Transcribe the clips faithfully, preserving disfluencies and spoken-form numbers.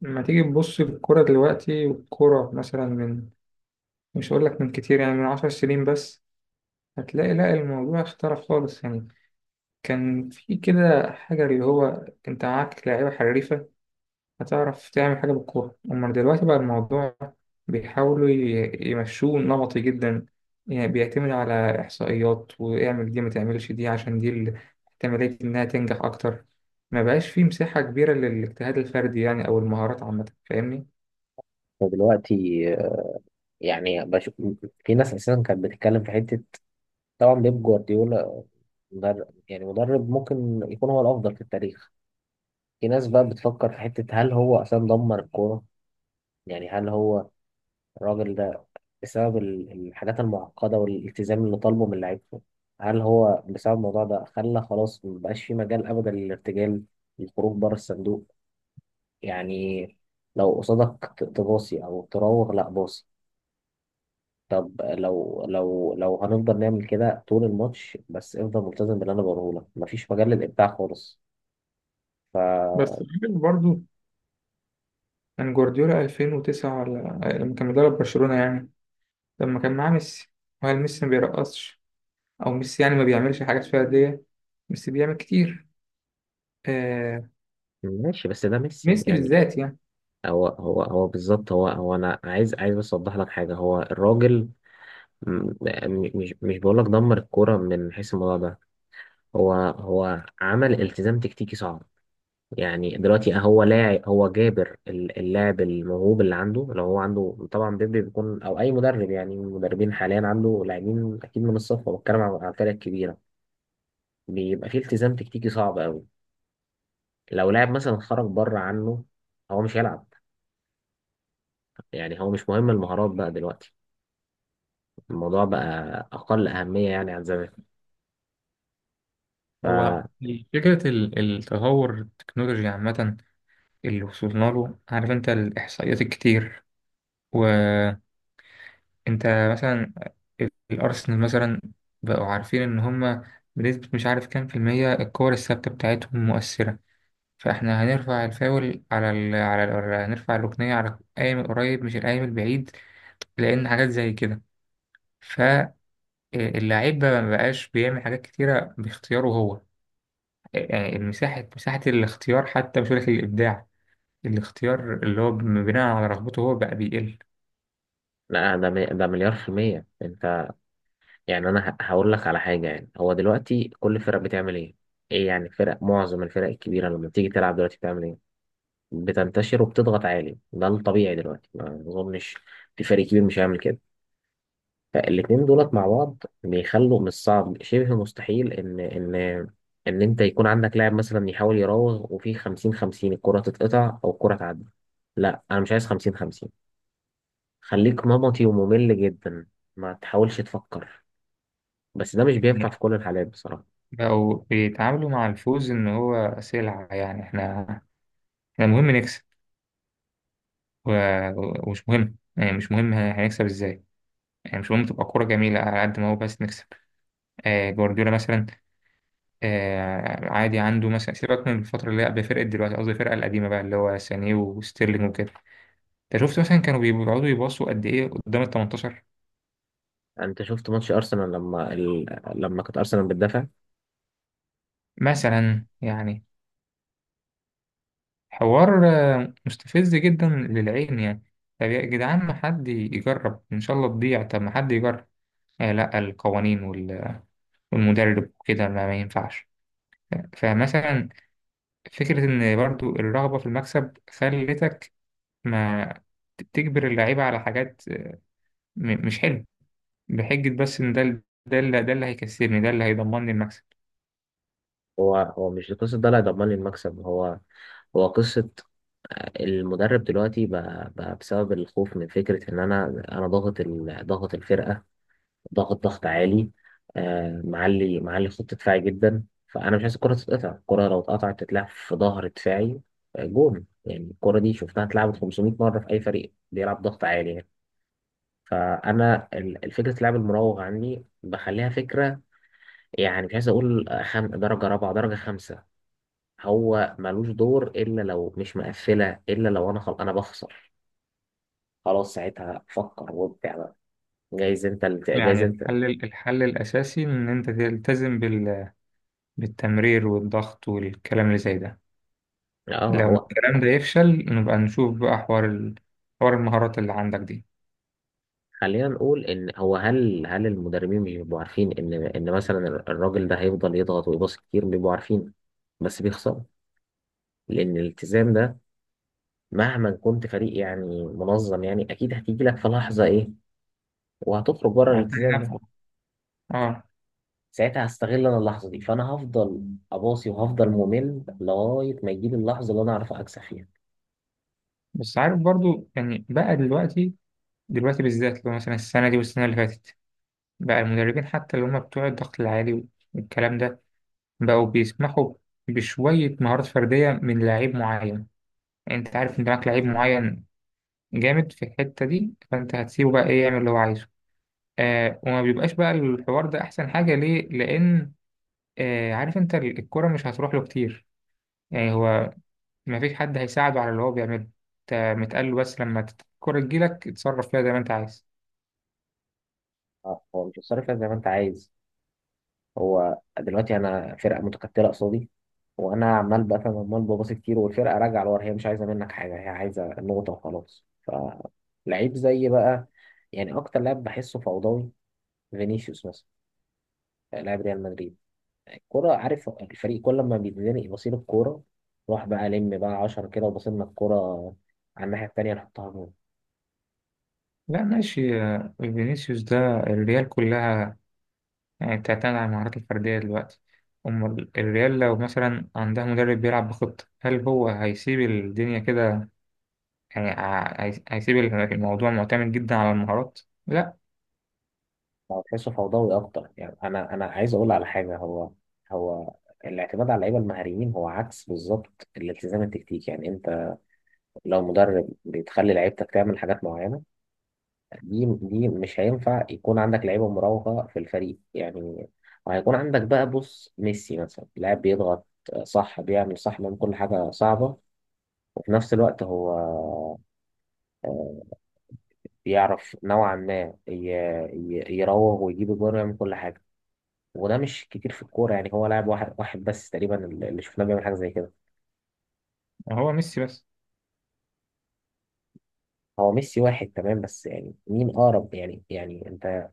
لما تيجي تبص الكرة دلوقتي والكرة مثلا من مش هقول لك من كتير، يعني من عشر سنين بس، هتلاقي لا الموضوع اختلف خالص. يعني كان في كده حاجة اللي هو انت معاك لعيبة حريفة هتعرف تعمل حاجة بالكورة. أما دلوقتي بقى الموضوع بيحاولوا ي- يمشوه نمطي جدا، يعني بيعتمد على إحصائيات، واعمل دي ما تعملش دي، عشان دي ال- احتمالية إنها تنجح أكتر. ما بقاش فيه مساحة كبيرة للاجتهاد الفردي يعني، أو المهارات عامة. فاهمني؟ فدلوقتي، آه، يعني بش... في ناس اساسا كانت بتتكلم في حته. طبعا بيب جوارديولا مدرب، يعني مدرب ممكن يكون هو الافضل في التاريخ. في ناس بقى بتفكر في حته، هل هو اساسا دمر الكوره؟ يعني هل هو الراجل ده بسبب ال- الحاجات المعقده والالتزام اللي طالبه من لعيبته، هل هو بسبب الموضوع ده خلى خلاص مبقاش في مجال ابدا للارتجال، للخروج بره الصندوق؟ يعني لو قصادك ت- تباصي او تراوغ، لا باصي. طب لو لو لو هنفضل نعمل كده طول الماتش، بس افضل ملتزم باللي انا بقوله لك، مفيش مجال للابداع خالص. بس ف برضه كان جوارديولا ألفين وتسعة، ولا لما كان مدرب برشلونة يعني، لما كان معاه ميسي، وهل ميسي ما بيرقصش؟ أو ميسي يعني ما بيعملش حاجات فردية؟ ميسي بيعمل كتير. آه، ماشي، بس ده ميسي ميسي يعني. بالذات يعني. هو هو هو بالظبط، هو هو انا عايز عايز بس اوضح لك حاجه. هو الراجل م- م- مش مش بقول لك دمر الكوره من حيث الموضوع ده، هو هو عمل التزام تكتيكي صعب. يعني دلوقتي هو لاعب، هو جابر ال- اللاعب الموهوب اللي عنده، لو هو عنده طبعا بيبي بيكون او اي مدرب، يعني المدربين حاليا عنده لاعبين اكيد من الصف، بتكلم عن عن الفرق الكبيره، بيبقى فيه التزام تكتيكي صعب قوي. لو لاعب مثلا خرج بره عنه، هو مش هيلعب. يعني هو مش مهم المهارات بقى دلوقتي، الموضوع بقى اقل اهميه يعني عن زمان. ف هو فكرة ال- التطور التكنولوجي عامة اللي وصلنا له، عارف أنت الإحصائيات الكتير. وأنت مثلا، الأرسنال مثلا، بقوا عارفين إن هما بنسبة مش عارف كام في المية الكور الثابتة بتاعتهم مؤثرة، فاحنا هنرفع الفاول على ال... على ال... هنرفع الركنية على القايم القريب مش القايم البعيد، لأن حاجات زي كده. فاللعيب بقى مبقاش بيعمل حاجات كتيرة باختياره هو، آه، يعني المساحة، مساحة الاختيار حتى، مش هقولك الإبداع، الاختيار اللي هو بناء على رغبته هو بقى بيقل. لا، ده مي- ده مليار في المية انت. يعني انا ه- هقول لك على حاجه. يعني هو دلوقتي كل فرق بتعمل ايه؟ ايه يعني فرق، معظم الفرق الكبيره لما بتيجي تلعب دلوقتي بتعمل ايه؟ بتنتشر وبتضغط عالي، ده الطبيعي دلوقتي. ما اظنش في فريق كبير مش هيعمل كده. فالاتنين دولت مع بعض بيخلوا من الصعب، شبه مستحيل ان ان ان انت يكون عندك لاعب مثلا يحاول يراوغ، وفي خمسين خمسين الكره تتقطع او الكره تعدي. لا انا مش عايز خمسين خمسين، خليك نمطي وممل جدا، ما تحاولش تفكر. بس ده مش بينفع يعني في كل الحالات بصراحه. بقوا بيتعاملوا مع الفوز إن هو سلعة. يعني احنا، احنا مهم نكسب، و... ومش مهم، يعني مش مهم هنكسب ازاي، يعني مش مهم تبقى كورة جميلة على قد ما هو، بس نكسب. آه جوارديولا مثلا، آه عادي عنده مثلا، سيبك من الفترة اللي هي قبل فرقة دلوقتي، قصدي الفرقة القديمة بقى، اللي هو سانيه وستيرلينج وكده، انت شفت مثلا كانوا بيقعدوا يباصوا قد ايه قدام ال تمنتاشر انت شفت ماتش ارسنال لما ال... لما كانت ارسنال بتدافع؟ مثلا يعني، حوار آه، مستفز جدا للعين يعني. طب يا جدعان ما حد يجرب، ان شاء الله تضيع، طب ما حد يجرب. آه لا، القوانين وال- والمدرب وكده ما, ما ينفعش. فمثلا فكرة ان برضو الرغبة في المكسب خلتك ما تجبر اللعيبة على حاجات م- مش حلوة، بحجة بس إن ده ال- ده اللي ده اللي هيكسبني، ده اللي هيضمن لي المكسب. هو هو مش قصه ده اللي هيضمن لي المكسب، هو هو قصه المدرب دلوقتي بقى, بقى بسبب الخوف من فكره ان انا انا ضاغط ال... ضاغط الفرقه، ضاغط ضغط عالي، آه معلي معلي خط دفاعي جدا، فانا مش عايز الكره تتقطع، الكره لو اتقطعت تتلعب في ظهر دفاعي. آه، جون، يعني الكره دي شفتها اتلعبت خمسمية مره في اي فريق بيلعب ضغط عالي يعني. فانا ال- الفكره اللعب المراوغ عندي بخليها فكره، يعني مش عايز اقول خم... درجه رابعه درجه خمسه. هو ملوش دور الا لو مش مقفله، الا لو انا خل... انا بخسر. خلاص ساعتها فكر وابدع بقى. جايز انت اللي... ت- جايز يعني انت. الحل، الحل الأساسي إن أنت تلتزم بال... بالتمرير والضغط والكلام اللي زي ده. اه لو هو، الكلام ده يفشل نبقى نشوف بقى حوار ال... حوار المهارات اللي عندك دي. خلينا نقول ان هو، هل هل المدربين مش بيبقوا عارفين ان ان مثلا الراجل ده هيفضل يضغط ويباصي كتير؟ بيبقوا عارفين، بس بيخسروا، لان الالتزام ده مهما كنت فريق يعني منظم، يعني اكيد هتيجي لك في لحظه ايه، وهتخرج بره هتلاقي الالتزام نفسك. ده. اه. ساعتها هستغل انا اللحظه دي، فانا هفضل اباصي وهفضل ممل لغايه ما يجيلي اللحظه اللي انا اعرف اكسب فيها. بس عارف برضو يعني بقى دلوقتي، دلوقتي بالذات لو مثلا السنة دي والسنة اللي فاتت، بقى المدربين حتى اللي هم بتوع الضغط العالي والكلام ده بقوا بيسمحوا بشوية مهارات فردية من لعيب معين. يعني انت عارف ان معاك لعيب معين جامد في الحتة دي، فانت هتسيبه بقى ايه يعمل اللي هو عايزه. آه، وما بيبقاش بقى الحوار ده احسن حاجة ليه، لان آه، عارف انت، ال- الكرة مش هتروح له كتير، يعني هو ما فيش حد هيساعده على اللي هو بيعمله. انت متقال له بس لما تت- الكرة تجيلك اتصرف فيها زي ما انت عايز. آه، هو مش هتصرف فيها زي ما انت عايز. هو دلوقتي انا فرقه متكتله قصادي، وانا عمال بقى، فاهم، عمال بباصي كتير والفرقه راجعه لورا، هي مش عايزه منك حاجه، هي عايزه النقطه وخلاص. فلعيب زي بقى، يعني اكتر لاعب بحسه فوضوي، فينيسيوس مثلا، لاعب ريال مدريد، الكورة، عارف، الفريق كل ما بيتزنق بصيل الكورة، روح بقى لم بقى عشرة كده وبصيلنا الكورة على الناحية التانية نحطها جول. لا يعني ماشي، آه، فينيسيوس ده الريال كلها يعني، بتعتمد على المهارات الفردية دلوقتي. أمال الريال لو مثلا عندها مدرب بيلعب بخطة، هل هو هيسيب الدنيا كده؟ يعني ع- هي- هيسيب الموضوع معتمد جدا على المهارات؟ لا. هو تحسه فوضوي أكتر. يعني أنا أنا عايز أقول على حاجة. هو هو الاعتماد على اللعيبة المهاريين هو عكس بالظبط الالتزام التكتيكي. يعني أنت لو مدرب بتخلي لعيبتك تعمل حاجات معينة، دي دي مش هينفع يكون عندك لعيبة مراوغة في الفريق يعني. وهيكون عندك بقى، بص، ميسي مثلا لاعب بيضغط صح، بيعمل صح من كل حاجة صعبة، في نفس الوقت هو بيعرف نوعا ما ي- ي- يراوغ ويجيب الجون ويعمل كل حاجة. وده مش كتير في الكورة، يعني هو لاعب واحد واحد بس تقريبا اللي شفناه بيعمل حاجة زي كده. هو ميسي بس. هو ميسي واحد تمام، بس يعني مين أقرب؟ يعني يعني أنت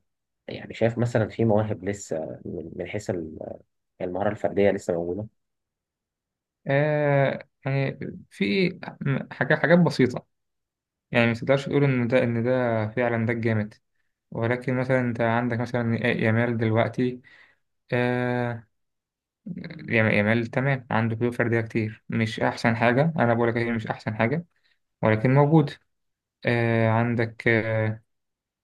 يعني شايف مثلا في مواهب لسه، من من حيث ال- المهارة الفردية لسه موجودة؟ آه يعني في حاجات، حاجات بسيطة، يعني ما تقدرش تقول إن ده، إن ده فعلا ده الجامد، ولكن مثلا أنت عندك مثلا يامال دلوقتي، آه، يام- يامال تمام، عنده قدرة فردية كتير، مش أحسن حاجة، أنا بقول لك هي مش أحسن حاجة، ولكن موجود. آه عندك، آه،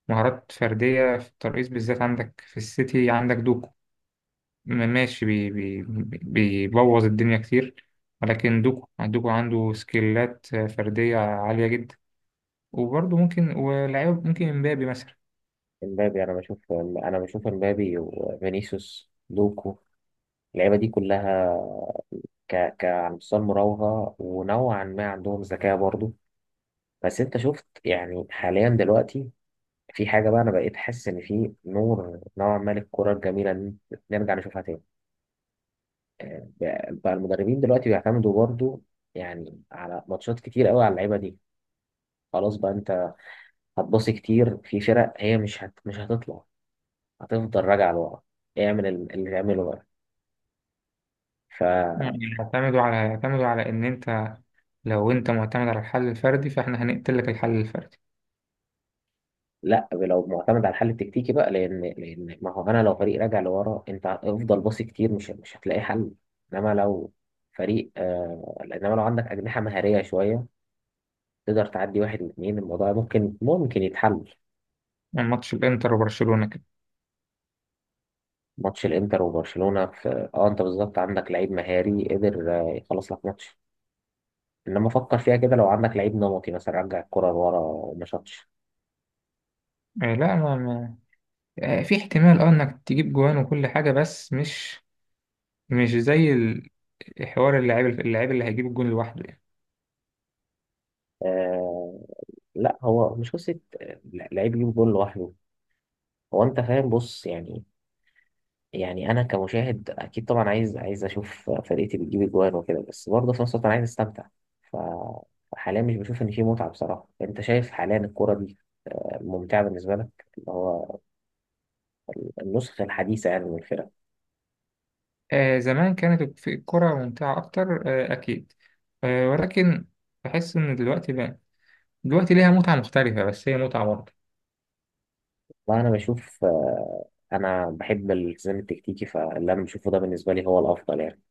مهارات فردية في الترقيص بالذات، عندك في السيتي عندك دوكو، ماشي بي بي بيبوظ الدنيا كتير، ولكن دوكو، دوكو عنده سكيلات فردية عالية جدا. وبرضه ممكن، ولاعيب ممكن امبابي مثلا. امبابي، أنا بشوف، أنا بشوف امبابي وفينيسيوس لوكو، اللعيبة دي كلها ك ك على مستوى المراوغة ونوعا ما عندهم ذكاء برضه. بس انت شفت، يعني حاليا دلوقتي في حاجة بقى، انا بقيت حاسس ان في نور نوعا ما للكرة الجميلة، ان نرجع نشوفها تاني. آه، بقى المدربين دلوقتي بيعتمدوا برضو يعني على ماتشات كتير قوي على اللعيبة دي. خلاص بقى انت هتبصي كتير في فرق هي مش هت... مش هتطلع، هتفضل راجعة لورا، اعمل ال- اللي تعمله بقى. يعني يعتمدوا على، يعتمدوا على ان انت لو انت معتمد على الحل الفردي فاحنا هنقتل لك الحل الفردي. لا، لو معتمد على الحل التكتيكي بقى، لان لان ما هو انا لو فريق راجع لورا، انت افضل باصي كتير، مش مش هتلاقي حل. انما لو فريق آه انما لو عندك اجنحه مهاريه شويه، تقدر تعدي واحد واثنين، الموضوع ممكن ممكن يتحل. ماتش الانتر وبرشلونة كده، ماتش الانتر وبرشلونه، في اه، انت بالظبط عندك لعيب مهاري قدر، آه، يخلص لك ماتش. انما فكر فيها كده، لو عندك لعيب نمطي مثلا رجع الكره لورا وما شاطش. آه، لا ما ما- آه، في احتمال اه انك تجيب جوان وكل حاجة، بس مش، مش زي ال- حوار اللاعب، اللاعب اللي هيجيب الجون لوحده يعني. آه لا، هو مش قصه، آه، لعيب يجيب جول لوحده. هو انت فاهم، بص، يعني يعني انا كمشاهد اكيد طبعا عايز عايز اشوف فرقتي بتجيب اجوان وكده، بس برضه في نفس الوقت انا عايز استمتع. ف- فحاليا مش بشوف ان في متعه بصراحه. انت شايف حاليا الكوره دي ممتعه بالنسبه لك؟ اللي هو النسخه الحديثه يعني من الفرق. آه زمان كانت الكرة ممتعة أكتر، آه أكيد، آه ولكن بحس إن دلوقتي بقى، دلوقتي ليها متعة مختلفة، بس هي متعة برضه. وانا بشوف، آه، انا بحب الالتزام التكتيكي، فاللي انا بشوفه ده بالنسبه لي هو الافضل يعني.